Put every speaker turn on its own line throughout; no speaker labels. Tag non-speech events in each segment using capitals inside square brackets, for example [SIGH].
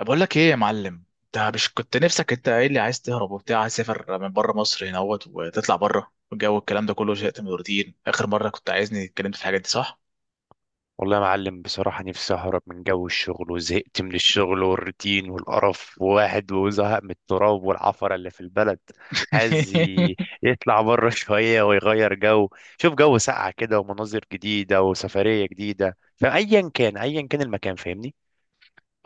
بقول لك ايه يا معلم؟ انت مش كنت نفسك؟ انت قايل لي عايز تهرب وبتاع، عايز تسافر من بره مصر، هنا اهوت وتطلع بره والجو، الكلام ده كله زهقت من الروتين. اخر مره كنت عايزني اتكلمت في الحاجات دي، صح؟
والله يا معلم بصراحة نفسي أهرب من جو الشغل وزهقت من الشغل والروتين والقرف وواحد وزهق من التراب والعفرة اللي في البلد. عايز ي-
[LAUGHS]
يطلع بره [LAUGHS] شوية ويغير جو. شوف جو ساقع كده ومناظر جديدة وسفرية جديدا، فأيا كان أيا كان المكان، فاهمني.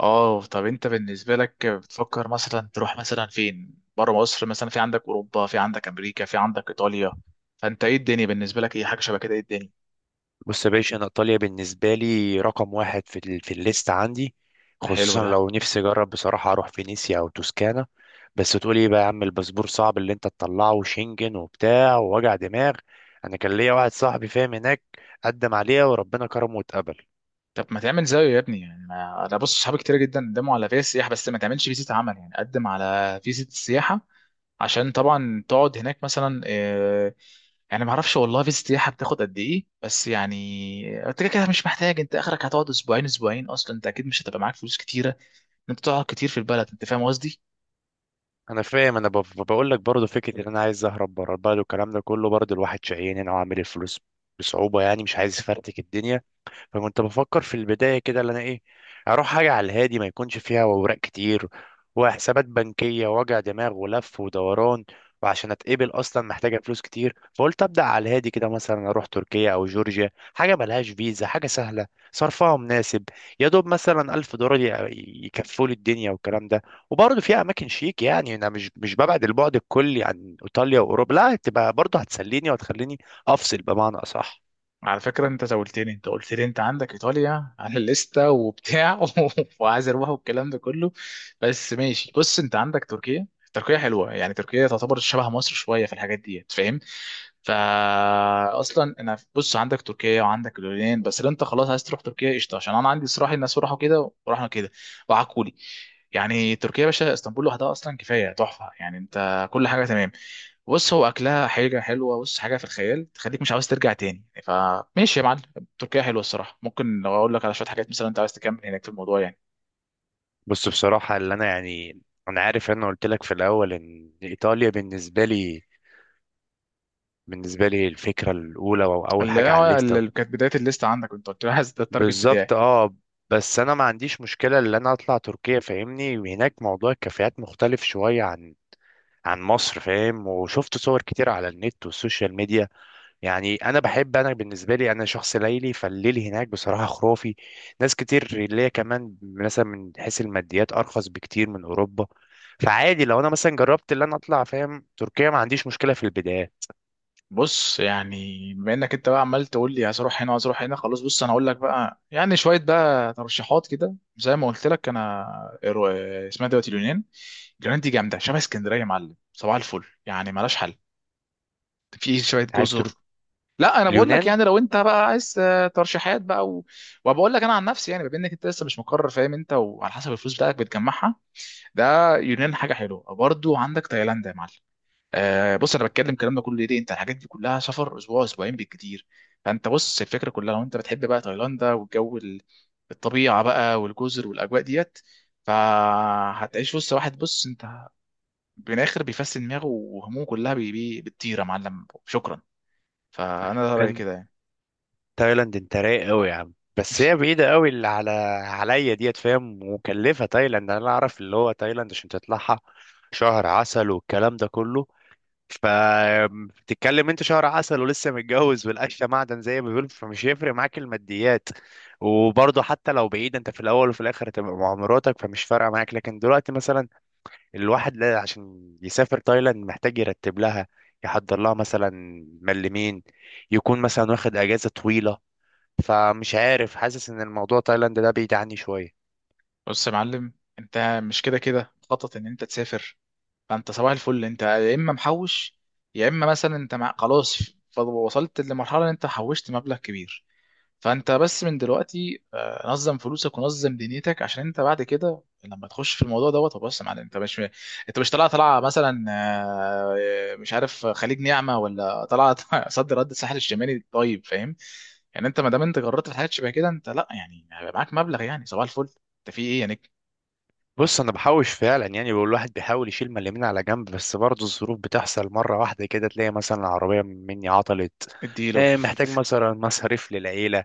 اه، طب انت بالنسبه لك بتفكر مثلا تروح مثلا فين بره مصر؟ مثلا في عندك اوروبا، في عندك امريكا، في عندك ايطاليا، فانت ايه الدنيا بالنسبه لك؟ ايه حاجه شبه كده؟ ايه الدنيا؟
بص يا باشا، انا ايطاليا بالنسبه لي رقم واحد في في الليست عندي،
حلو
خصوصا
ده.
لو نفسي اجرب. بصراحه اروح فينيسيا او توسكانا. بس تقول ايه بقى يا عم، الباسبور صعب اللي انت تطلعه، وشنجن وبتاع ووجع دماغ. انا كان ليا واحد صاحبي فاهم هناك، قدم عليها وربنا كرمه واتقبل.
طب ما تعمل زيه يا ابني؟ يعني انا بص صحابي كتير جدا قدموا على فيزا سياحه، بس ما تعملش فيزا عمل، يعني قدم على فيزا السياحه عشان طبعا تقعد هناك مثلا. يعني ما اعرفش والله فيزا سياحه بتاخد قد ايه، بس يعني انت كده كده مش محتاج، انت اخرك هتقعد اسبوعين اسبوعين، اصلا انت اكيد مش هتبقى معاك فلوس كتيره ان انت تقعد كتير في البلد، انت فاهم قصدي.
انا فاهم، انا بقول لك برضه فكره ان انا عايز اهرب بره البلد والكلام ده كله. برضه الواحد شقيان هنا وعامل الفلوس بصعوبه، يعني مش عايز افرتك الدنيا. فكنت بفكر في البداية كده، اللي أنا إيه، أروح حاجة على الهادي ما يكونش فيها أوراق كتير وحسابات بنكية ووجع دماغ ولف ودوران. وعشان أتقبل أصلا محتاجة فلوس كتير، فقلت أبدأ على الهادي كده، مثلا أروح تركيا أو جورجيا، حاجة ملهاش فيزا، حاجة سهلة، صرفها مناسب. يا دوب مثلا ألف دولار يكفوا لي الدنيا والكلام ده. وبرضه فيها أماكن شيك، يعني أنا مش ببعد البعد الكلي عن إيطاليا وأوروبا، لا، تبقى برضه هتسليني وهتخليني أفصل بمعنى أصح.
على فكرة انت زولتني، انت قلت لي انت عندك ايطاليا على الليستة وبتاع [LAUGHS] وعايز اروح والكلام ده كله. بس ماشي، بص انت عندك تركيا. تركيا حلوة، يعني تركيا تعتبر شبه مصر شوية في الحاجات دي، فاهم؟ فا اصلا انا بص عندك تركيا وعندك اليونان، بس لو انت خلاص عايز تروح تركيا قشطة، عشان انا عندي صراحة الناس راحوا كده ورحنا كده وعكولي. يعني تركيا يا باشا، اسطنبول لوحدها اصلا كفاية تحفة، يعني انت كل حاجة تمام. بص هو اكلها حاجه حلوه، بص حاجه في الخيال تخليك مش عاوز ترجع تاني، فماشي يا معلم. تركيا حلوه الصراحه. ممكن لو اقول لك على شويه حاجات مثلا انت عايز تكمل هناك في الموضوع يعني.
بص، بصراحة اللي أنا يعني، أنا عارف، أنا قلت لك في الأول إن إيطاليا بالنسبة لي، بالنسبة لي الفكرة الأولى أو أول
اللي
حاجة على
هو
الليستة.
اللي كانت بدايه الليست عندك، انت قلت لي عايز ده التارجت
بالظبط،
بتاعي.
أه. بس أنا ما عنديش مشكلة إن أنا أطلع تركيا، فاهمني، وهناك موضوع الكافيهات مختلف شوية عن مصر، فاهم، وشفت صور كتير على النت والسوشيال ميديا. يعني انا بحب، انا بالنسبه لي انا شخص ليلي، فالليل هناك بصراحه خرافي. ناس كتير اللي هي كمان مثلا من حيث الماديات ارخص بكتير من اوروبا. فعادي لو انا مثلا جربت اللي انا اطلع، فاهم، تركيا ما عنديش مشكله في البدايه.
بص يعني بما انك انت بقى عمال تقول لي عايز اروح هنا عايز اروح هنا، خلاص بص انا اقول لك بقى يعني شويه بقى ترشيحات كده زي ما قلت لك انا. رو- اسمها دلوقتي اليونان. اليونان دي جامده شبه اسكندريه يا معلم، صباح الفل، يعني مالهاش حل. في شويه
عارف
جزر.
ترو...
لا انا بقول لك
اليونان.
يعني لو انت بقى عايز ترشيحات بقى وبقول لك انا عن نفسي يعني، بما انك انت لسه مش مقرر، فاهم؟ انت وعلى حسب الفلوس بتاعتك بتجمعها، ده يونان حاجه حلوه. برضو عندك تايلاند يا معلم. آه بص انا بتكلم الكلام ده كله ليه؟ ليه؟ انت الحاجات دي كلها سفر اسبوع اسبوعين بالكتير. فانت بص الفكره كلها لو انت بتحب بقى تايلاند والجو الطبيعه بقى والجزر والاجواء ديت، فهتعيش وسط واحد، بص انت من الاخر بيفسد دماغه وهمومه كلها بتطير يا معلم، شكرا. فانا ده رايي
كان
كده يعني.
تايلاند انت رايق قوي يا عم، بس هي بعيده قوي اللي عليا ديت، فاهم. مكلفه تايلاند، انا اعرف، اللي هو تايلاند عشان تطلعها شهر عسل والكلام ده كله. فبتتكلم انت شهر عسل ولسه متجوز، والقشه معدن زي ما بيقولوا، فمش هيفرق معاك الماديات. وبرضه حتى لو بعيد، انت في الاول وفي الاخر هتبقى مع مراتك، فمش فارقه معاك. لكن دلوقتي مثلا الواحد لا، عشان يسافر تايلاند محتاج يرتب لها، يحضر لها، مثلا ملمين، يكون مثلا واخد اجازه طويله. فمش عارف، حاسس ان الموضوع تايلاند ده بعيد عني شويه.
بص يا معلم انت مش كده كده مخطط ان انت تسافر، فانت صباح الفل انت يا اما محوش، يا اما مثلا خلاص وصلت لمرحله ان انت حوشت مبلغ كبير. فانت بس من دلوقتي نظم فلوسك ونظم دنيتك، عشان انت بعد كده لما تخش في الموضوع دوت. طب بص يا معلم، انت مش طالع طالعه مثلا مش عارف خليج نعمه، ولا طالعه [LAUGHS] صد رد الساحل الشمالي، طيب فاهم؟ يعني انت ما دام انت جربت في حاجات شبه كده، انت لا يعني هيبقى معاك مبلغ يعني صباح الفل، انت في ايه يعني؟
بص انا بحوش فعلا، يعني بقول الواحد بيحاول يشيل من اليمين على جنب، بس برضه الظروف بتحصل مره واحده كده، تلاقي مثلا العربيه مني عطلت،
اديله.
إيه، محتاج مثلا مصاريف للعيله.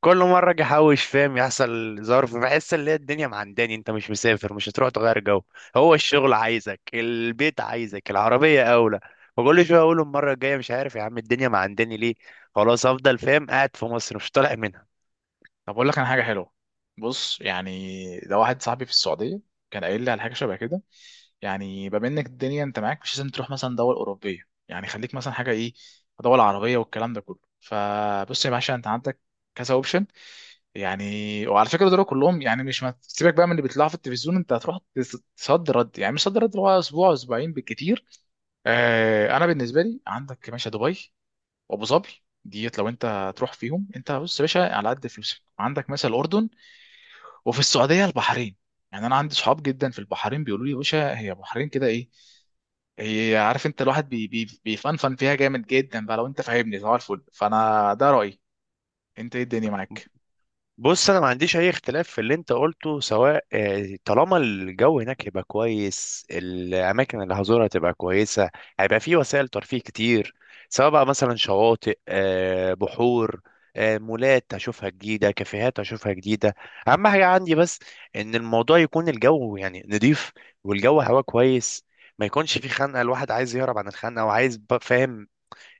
كل مره اجي احوش، فاهم، يحصل ظرف، بحس ان هي الدنيا معنداني، انت مش مسافر، مش هتروح تغير جو، هو الشغل عايزك، البيت عايزك، العربيه اولى. وكل شويه اقول المره الجايه، مش عارف يا عم الدنيا معنداني ليه، خلاص افضل، فاهم، قاعد في مصر مش طالع منها.
طب اقول لك انا حاجه حلوه. بص يعني ده واحد صاحبي في السعوديه كان قايل لي على حاجه شبه كده. يعني بما انك الدنيا انت معاك، مش لازم تروح مثلا دول اوروبيه، يعني خليك مثلا حاجه ايه، دول عربيه والكلام ده كله. فبص يا باشا انت عندك كذا اوبشن، يعني وعلى فكره دول كلهم، يعني مش، ما سيبك بقى من اللي بيطلعوا في التلفزيون. انت هتروح تصد رد، يعني مش صد رد، اللي هو اسبوع اسبوعين بالكتير. آه انا بالنسبه لي عندك يا باشا دبي وابو ظبي ديت، لو انت هتروح فيهم. انت بص يا باشا على قد فلوسك عندك مثلا الاردن، وفي السعوديه البحرين. يعني انا عندي صحاب جدا في البحرين بيقولوا لي يا باشا هي البحرين كده ايه، هي عارف انت الواحد بي بي بيفنفن فيها جامد جدا بقى لو انت فاهمني، صباح الفل. فانا ده رايي، انت ايه الدنيا معاك؟
بص انا ما عنديش اي اختلاف في اللي انت قلته، سواء طالما الجو هناك هيبقى كويس، الاماكن اللي هزورها تبقى كويسه، هيبقى في وسائل ترفيه كتير، سواء بقى مثلا شواطئ، بحور، مولات هشوفها جديده، كافيهات هشوفها جديده. اهم حاجه عندي بس ان الموضوع يكون الجو يعني نضيف، والجو هوا كويس، ما يكونش في خنقه. الواحد عايز يهرب عن الخنقه، وعايز بقى، فاهم،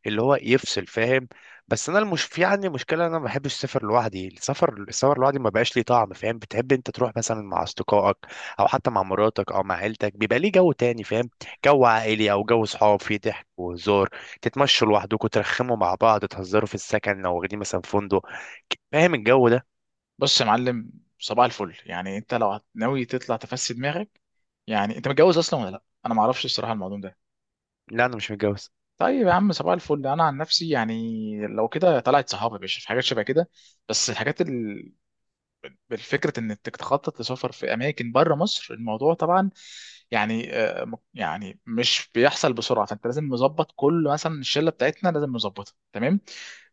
اللي هو يفصل، فاهم. بس انا المش في عندي مشكله، انا ما بحبش السفر لوحدي. السفر، السفر لوحدي ما بقاش ليه طعم، فاهم. بتحب انت تروح مثلا مع اصدقائك او حتى مع مراتك او مع عيلتك، بيبقى ليه جو تاني، فاهم. جو عائلي او جو صحاب فيه ضحك وهزار، تتمشوا لوحدكم، ترخموا مع بعض، تهزروا في السكن لو واخدين مثلا فندق، فاهم الجو ده.
بص يا معلم، صباح الفل، يعني انت لو ناوي تطلع تفسد دماغك. يعني انت متجوز اصلا ولا لا؟ انا ما اعرفش الصراحه الموضوع ده.
لا، انا مش متجوز.
طيب يا عم صباح الفل، انا عن نفسي يعني لو كده طلعت صحابي يا باشا في حاجات شبه كده، بس الحاجات بالفكرة انك تخطط لسفر في اماكن بره مصر، الموضوع طبعا يعني يعني مش بيحصل بسرعة، فانت لازم مظبط كل مثلا الشلة بتاعتنا لازم مظبطها تمام.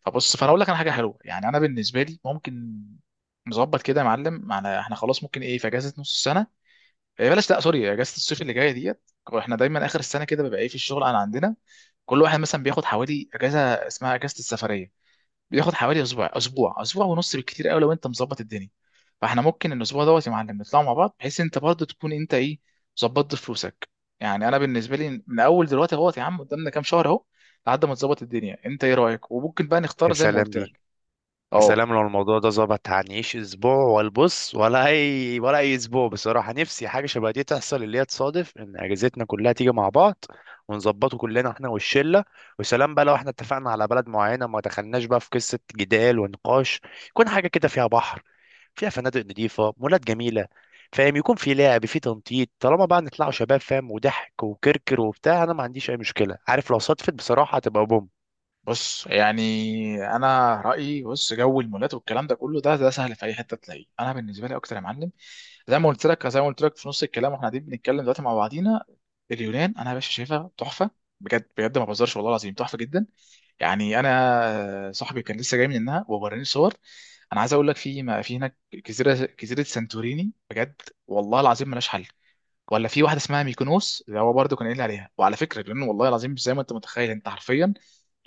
فبص فانا اقول لك انا حاجة حلوة، يعني انا بالنسبة لي ممكن نظبط كده يا معلم معنا احنا، خلاص ممكن ايه في اجازة نص السنة. إيه بلاش لا سوري، اجازة الصيف اللي جاية ديت، واحنا دايما اخر السنة كده بيبقى ايه في الشغل، انا عندنا كل واحد مثلا بياخد حوالي اجازة اسمها اجازة السفرية، بياخد حوالي اسبوع اسبوع اسبوع ونص بالكتير قوي لو انت مظبط الدنيا. فاحنا ممكن الاسبوع دوت يا معلم نطلعوا مع بعض، بحيث انت برضه تكون انت ايه، ظبطت فلوسك. يعني انا بالنسبه لي من اول دلوقتي اهوت يا عم، قدامنا كام شهر اهو لحد ما تظبط الدنيا، انت ايه رايك؟ وممكن بقى
يا
نختار زي ما
سلام
قلت
دي.
لك.
يا
اه،
سلام، لو الموضوع ده ظبط، هنعيش اسبوع والبص، ولا اي ولا اي. اسبوع بصراحه نفسي حاجه شبه دي تحصل، اللي هي تصادف ان اجازتنا كلها تيجي مع بعض، ونظبطه كلنا احنا والشله. وسلام بقى لو احنا اتفقنا على بلد معينه، ما دخلناش بقى في قصه جدال ونقاش. يكون حاجه كده فيها بحر، فيها فنادق نظيفه، مولات جميله، فاهم، يكون في لعب، في تنطيط، طالما بقى نطلعوا شباب، فاهم، وضحك وكركر وبتاع، انا ما عنديش اي مشكله. عارف، لو صدفت بصراحه هتبقى بوم.
بص يعني انا رايي، بص جو المولات والكلام ده كله، ده سهل في اي حته تلاقيه، انا بالنسبه لي اكتر يا معلم زي ما قلت لك في نص الكلام، واحنا قاعدين بنتكلم دلوقتي مع بعضينا. اليونان انا يا باشا شايفها تحفه، بجد بجد ما بهزرش والله العظيم، تحفه جدا. يعني انا صاحبي كان لسه جاي منها ووراني صور. انا عايز اقول لك في ما في هناك جزيره جزيره سانتوريني بجد والله العظيم ملهاش حل. ولا في واحده اسمها ميكونوس، اللي هو برضه كان قايل لي عليها. وعلى فكره لان والله العظيم زي ما انت متخيل انت حرفيا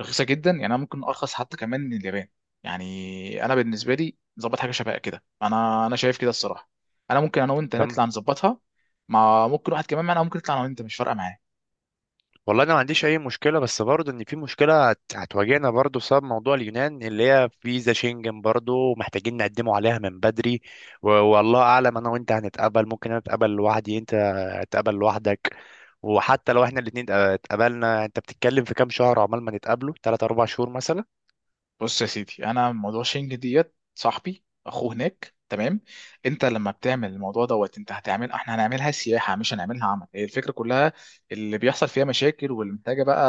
رخيصه جدا، يعني انا ممكن ارخص حتى كمان من اليابان. يعني انا بالنسبه لي ظبط حاجه شبه كده، انا شايف كده الصراحه، انا ممكن انا وانت
تمام.
نطلع نظبطها، مع ممكن واحد كمان معانا، ممكن نطلع انا وانت مش فارقه معايا.
والله انا ما عنديش اي مشكله، بس برضه ان في مشكله هتواجهنا برضه، بسبب موضوع اليونان، اللي هي فيزا شنجن برضه محتاجين نقدمه عليها من بدري. والله اعلم انا وانت هنتقبل، ممكن انا اتقبل لوحدي، انت هتقبل لوحدك. وحتى لو احنا الاتنين اتقبلنا، انت بتتكلم في كام شهر عقبال ما نتقابله، 3 4 شهور مثلا.
بص يا سيدي، انا موضوع شنج ديت صاحبي اخوه هناك تمام. انت لما بتعمل الموضوع دوت، انت هتعمل احنا هنعملها سياحه مش هنعملها عمل، هي الفكره كلها اللي بيحصل فيها مشاكل واللي محتاجه بقى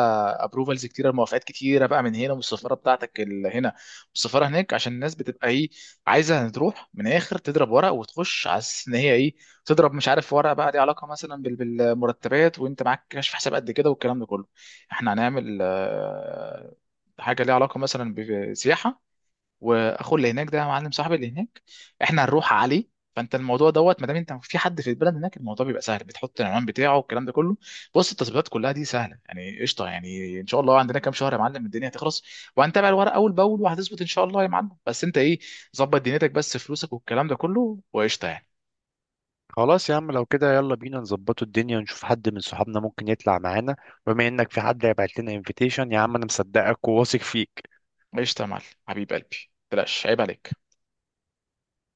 ابروفالز كتيره موافقات كتيره بقى من هنا والسفاره بتاعتك اللي هنا والسفاره هناك، عشان الناس بتبقى ايه، عايزه تروح من الاخر تضرب ورق وتخش على اساس ان هي ايه، تضرب مش عارف ورق بقى ليه علاقه مثلا بالمرتبات، وانت معاك كشف حساب قد كده والكلام ده كله. احنا هنعمل حاجه ليها علاقه مثلا بسياحه، واخو اللي هناك ده يا معلم صاحبي اللي هناك احنا هنروح عليه. فانت الموضوع دوت ما دام انت في حد في البلد هناك، الموضوع بيبقى سهل، بتحط العنوان بتاعه والكلام ده كله. بص التظبيطات كلها دي سهله يعني قشطه، يعني ان شاء الله عندنا كام شهر يا معلم، الدنيا هتخلص وهنتابع الورق اول باول وهتظبط ان شاء الله يا معلم. بس انت ايه، ظبط دنيتك بس، فلوسك والكلام ده كله وقشطه يعني.
خلاص يا عم لو كده، يلا بينا نظبطوا الدنيا ونشوف حد من صحابنا ممكن يطلع معانا، بما انك في حد هيبعت لنا انفيتيشن. يا عم انا مصدقك وواثق فيك.
قشطه يا معلم حبيب قلبي، بلاش عيب عليك.